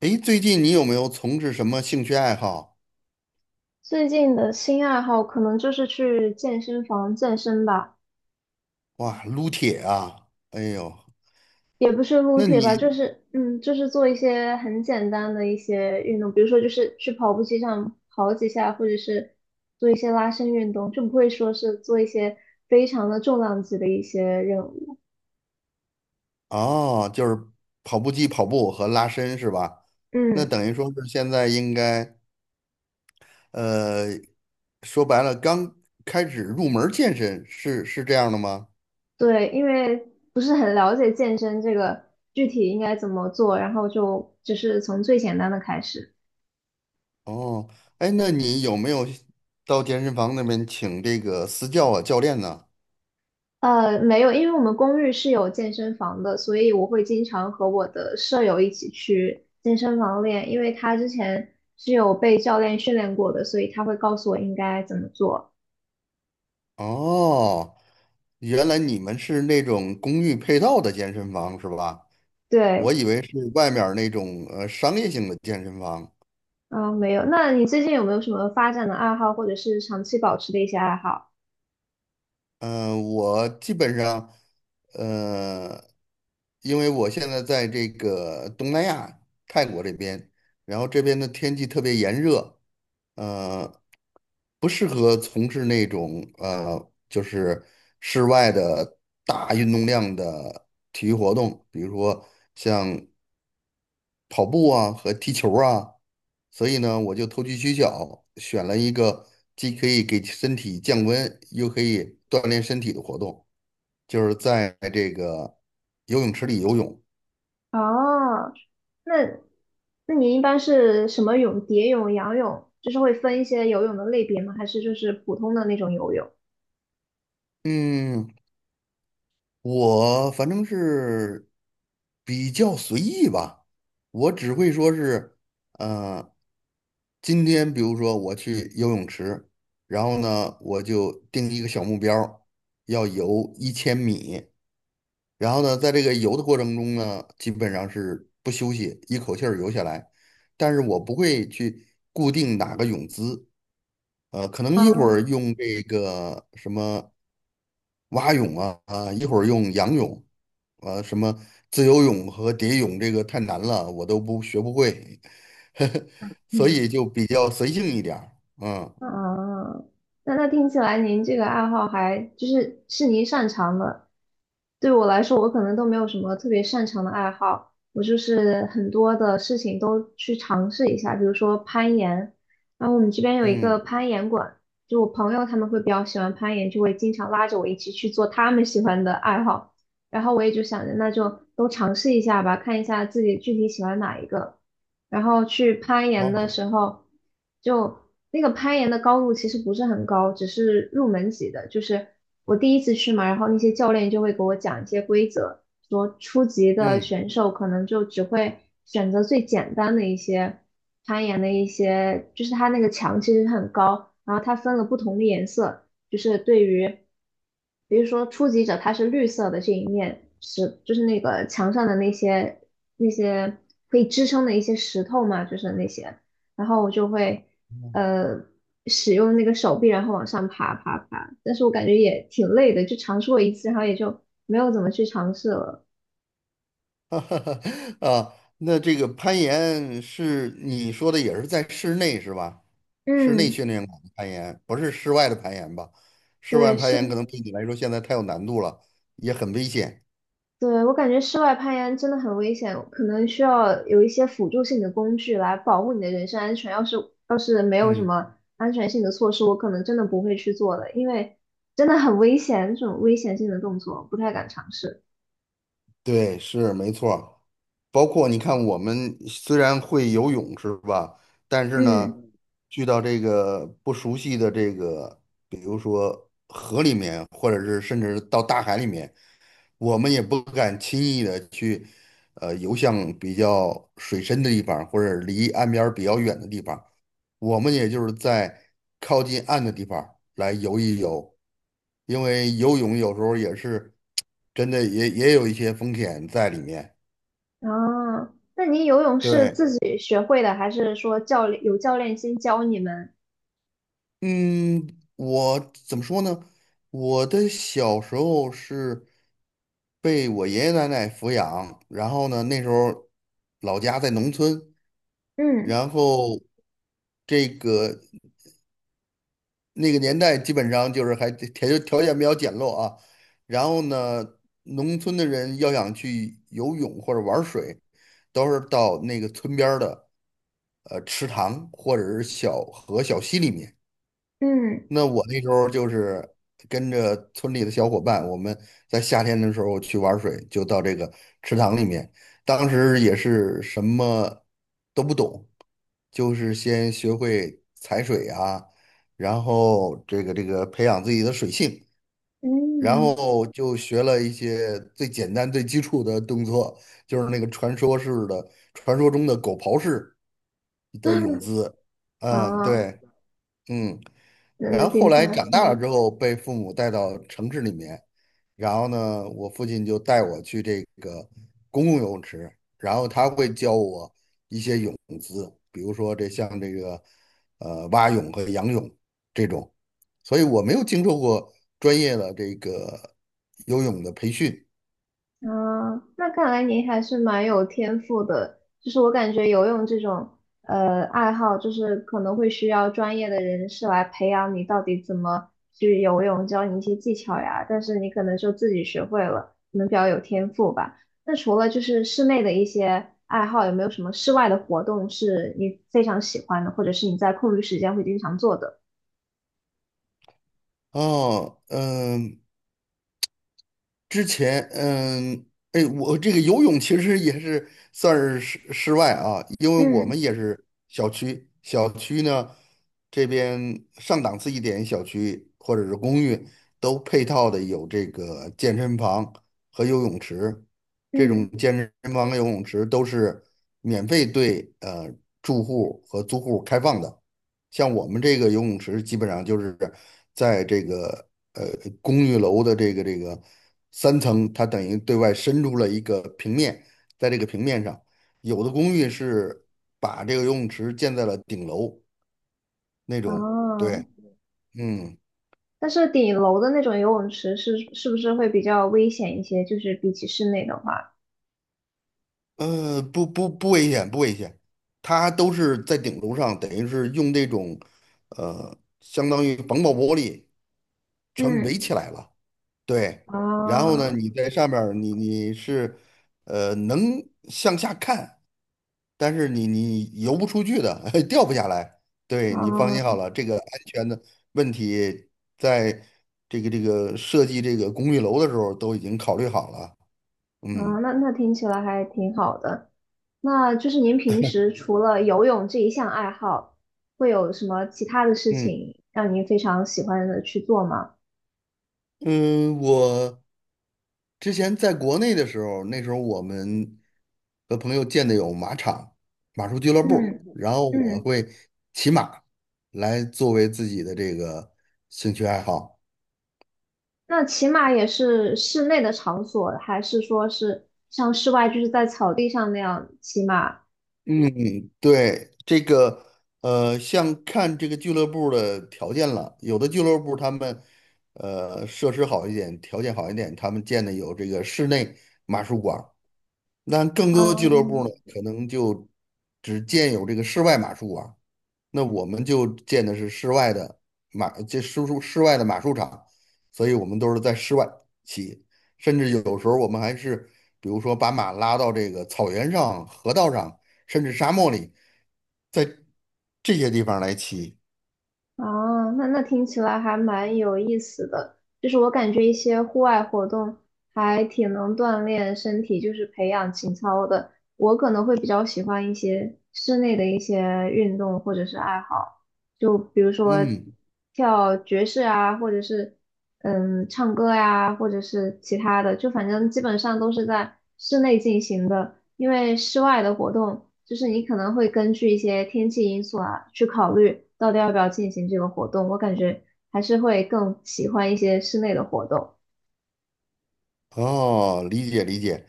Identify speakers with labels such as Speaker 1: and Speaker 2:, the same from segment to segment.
Speaker 1: 诶，最近你有没有从事什么兴趣爱好？
Speaker 2: 最近的新爱好可能就是去健身房健身吧，
Speaker 1: 哇，撸铁啊！哎呦，
Speaker 2: 也不是撸
Speaker 1: 那
Speaker 2: 铁吧，
Speaker 1: 你
Speaker 2: 就是就是做一些很简单的一些运动，比如说就是去跑步机上跑几下，或者是做一些拉伸运动，就不会说是做一些非常的重量级的一些任务。
Speaker 1: 哦，就是跑步机跑步和拉伸是吧？那
Speaker 2: 嗯，
Speaker 1: 等于说是现在应该呃，说白了刚开始入门健身是这样的吗？
Speaker 2: 对，因为不是很了解健身这个具体应该怎么做，然后就只是从最简单的开始。
Speaker 1: 哦，哎，那你有没有到健身房那边请这个私教啊教练呢？
Speaker 2: 没有，因为我们公寓是有健身房的，所以我会经常和我的舍友一起去健身房练，因为他之前是有被教练训练过的，所以他会告诉我应该怎么做。
Speaker 1: 哦，原来你们是那种公寓配套的健身房是吧？我
Speaker 2: 对，
Speaker 1: 以为是外面儿那种商业性的健身房。
Speaker 2: 嗯，没有。那你最近有没有什么发展的爱好，或者是长期保持的一些爱好？
Speaker 1: 嗯、我基本上，呃，因为我现在在这个东南亚泰国这边，然后这边的天气特别炎热，呃，不适合从事那种就是室外的大运动量的体育活动，比如说像跑步啊和踢球啊。所以呢，我就投机取巧，选了一个既可以给身体降温，又可以锻炼身体的活动，就是在这个游泳池里游泳。
Speaker 2: 哦，那那你一般是什么泳？蝶泳、仰泳，就是会分一些游泳的类别吗？还是就是普通的那种游泳？
Speaker 1: 嗯，我反正是比较随意吧，我只会说是，呃，今天比如说我去游泳池，然后呢，我就定一个小目标儿要游1000米。然后呢，在这个游的过程中呢，基本上是不休息，一口气儿游下来。但是我不会去固定哪个泳姿，可能一会
Speaker 2: 啊，
Speaker 1: 儿用这个什么蛙泳啊，啊，一会儿用仰泳，啊，什么自由泳和蝶泳，这个太难了，我都不学不会，所
Speaker 2: 嗯
Speaker 1: 以就比较随性一点儿。嗯
Speaker 2: 啊，嗯那听起来您这个爱好还就是是您擅长的。对我来说，我可能都没有什么特别擅长的爱好，我就是很多的事情都去尝试一下，比如说攀岩。然后我们这边有一个
Speaker 1: 嗯，
Speaker 2: 攀岩馆，就我朋友他们会比较喜欢攀岩，就会经常拉着我一起去做他们喜欢的爱好。然后我也就想着，那就都尝试一下吧，看一下自己具体喜欢哪一个。然后去攀岩的
Speaker 1: 好，
Speaker 2: 时候，就那个攀岩的高度其实不是很高，只是入门级的。就是我第一次去嘛，然后那些教练就会给我讲一些规则，说初级的
Speaker 1: 嗯。
Speaker 2: 选手可能就只会选择最简单的一些攀岩的一些，就是它那个墙其实很高，然后它分了不同的颜色。就是对于，比如说初级者，它是绿色的这一面石，就是那个墙上的那些那些可以支撑的一些石头嘛，就是那些，然后我就会呃使用那个手臂，然后往上爬，但是我感觉也挺累的，就尝试过一次，然后也就没有怎么去尝试了。
Speaker 1: 啊，那这个攀岩是你说的也是在室内是吧？室内
Speaker 2: 嗯，
Speaker 1: 训练馆的攀岩，不是室外的攀岩吧？室外
Speaker 2: 对，
Speaker 1: 攀岩
Speaker 2: 是。
Speaker 1: 可能对你来说现在太有难度了，也很危险。
Speaker 2: 对，我感觉室外攀岩真的很危险，可能需要有一些辅助性的工具来保护你的人身安全。要是没有什
Speaker 1: 嗯
Speaker 2: 么安全性的措施，我可能真的不会去做的，因为真的很危险，这种危险性的动作不太敢尝试。
Speaker 1: 对，是没错儿。包括你看，我们虽然会游泳是吧？但是呢，
Speaker 2: 嗯，
Speaker 1: 去到这个不熟悉的这个，比如说，或者是甚至到大海里面。我们也不敢轻易的去，游向比较水深的地方，或者离岸边儿比较远的地方。我们也就是在靠近岸的地方来游一游，因为游泳有时候也是真的也有一些风险在里面。
Speaker 2: 哦，那你游泳是
Speaker 1: 对，
Speaker 2: 自己学会的，还是说教练先教你们？
Speaker 1: 嗯，我怎么说呢？我的小时候是被我爷爷奶奶抚养，然后呢，那时候老家在农村。
Speaker 2: 嗯
Speaker 1: 然后这个那个年代基本上就是还条件比较简陋啊，然后呢，农村的人要想去游泳或者玩水，都是到那个村边儿的池塘或者是小河、小溪里面。
Speaker 2: 嗯
Speaker 1: 那我那时候就是跟着村里的小伙伴，我们在夏天的时候去玩水，就到这个池塘里面。当时也是什么都不懂，就是先学会踩水啊，然后这个培养自己的水性，然
Speaker 2: 嗯，
Speaker 1: 后就学了一些最简单最基础的动作，就是那个传说式的、传说中的狗刨式的泳姿。嗯，
Speaker 2: 哦，
Speaker 1: 对，嗯。
Speaker 2: 那
Speaker 1: 然
Speaker 2: 那
Speaker 1: 后后
Speaker 2: 听起
Speaker 1: 来
Speaker 2: 来，
Speaker 1: 长大了
Speaker 2: 嗯
Speaker 1: 之后，被父母带到城市里面，然后呢，我父亲就带我去这个公共游泳池，然后他会教我一些泳姿，比如说这像这个蛙泳和仰泳这种，所以我没有经受过专业的这个游泳的培训。
Speaker 2: 啊，那看来您还是蛮有天赋的。就是我感觉游泳这种爱好，就是可能会需要专业的人士来培养你到底怎么去游泳，教你一些技巧呀。但是你可能就自己学会了，可能比较有天赋吧。那除了就是室内的一些爱好，有没有什么室外的活动是你非常喜欢的，或者是你在空余时间会经常做的？
Speaker 1: 哦，嗯，之前，嗯，哎，我这个游泳其实也是算是室外啊，因为我们
Speaker 2: 嗯
Speaker 1: 也是小区，小区呢这边上档次一点小区或者是公寓都配套的有这个健身房和游泳池，这
Speaker 2: 嗯，
Speaker 1: 种健身房和游泳池都是免费对住户和租户开放的。像我们这个游泳池，基本上就是在这个公寓楼的这个三层，它等于对外伸出了一个平面，在这个平面上，有的公寓是把这个游泳池建在了顶楼那种，
Speaker 2: 哦。
Speaker 1: 对，嗯，
Speaker 2: 但是顶楼的那种游泳池是不是会比较危险一些？就是比起室内的话，
Speaker 1: 不危险，不危险，它都是在顶楼上，等于是用这种相当于防爆玻璃全围起
Speaker 2: 嗯，
Speaker 1: 来了。对，然后呢，
Speaker 2: 啊
Speaker 1: 你在上面儿你是，能向下看，但是你游不出去的，掉不下来。对，你放心好
Speaker 2: 啊
Speaker 1: 了，这个安全的问题，在这个设计这个公寓楼的时候都已经考虑好了。
Speaker 2: 啊，
Speaker 1: 嗯
Speaker 2: 那那听起来还挺好的。那就是您平时除了游泳这一项爱好，会有什么其他的事
Speaker 1: 嗯
Speaker 2: 情让您非常喜欢的去做吗？
Speaker 1: 嗯，我。之前在国内的时候，那时候我们和朋友建的有马场、马术俱乐部，
Speaker 2: 嗯
Speaker 1: 然后我
Speaker 2: 嗯，
Speaker 1: 会骑马来作为自己的这个兴趣爱好。
Speaker 2: 那骑马也是室内的场所，还是说是像室外就是在草地上那样骑马？
Speaker 1: 嗯，对，这个像看这个俱乐部的条件了，有的俱乐部他们设施好一点，条件好一点，他们建的有这个室内马术馆儿，那更
Speaker 2: 啊
Speaker 1: 多的俱乐部呢，可能就只建有这个室外马术馆，那我们就建的是室外的马，这室外的马术场，所以我们都是在室外骑，甚至有时候我们还是，比如说把马拉到这个草原上、河道上，甚至沙漠里，在这些地方来骑。
Speaker 2: 哦，那那听起来还蛮有意思的。就是我感觉一些户外活动还挺能锻炼身体，就是培养情操的。我可能会比较喜欢一些室内的一些运动或者是爱好。就比如说
Speaker 1: 嗯，
Speaker 2: 跳爵士啊，或者是唱歌呀、或者是其他的，就反正基本上都是在室内进行的，因为室外的活动，就是你可能会根据一些天气因素啊，去考虑到底要不要进行这个活动。我感觉还是会更喜欢一些室内的活动。
Speaker 1: 哦，理解理解，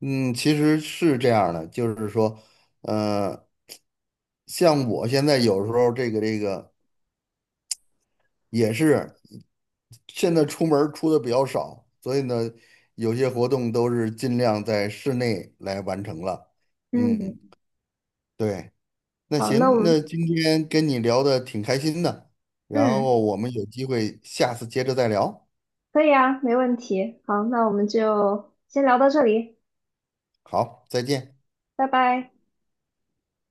Speaker 1: 嗯，其实是这样的，就是说，呃，像我现在有时候这个。也是现在出门儿出的比较少，所以呢，有些活动都是尽量在室内来完成了。
Speaker 2: 嗯，
Speaker 1: 嗯，对，那
Speaker 2: 好，那我
Speaker 1: 行，那
Speaker 2: 们
Speaker 1: 今天跟你聊的挺开心的，然后
Speaker 2: 嗯
Speaker 1: 我们有机会下次接着再聊。
Speaker 2: 可以啊，没问题。好，那我们就先聊到这里，
Speaker 1: 好，再见。
Speaker 2: 拜拜。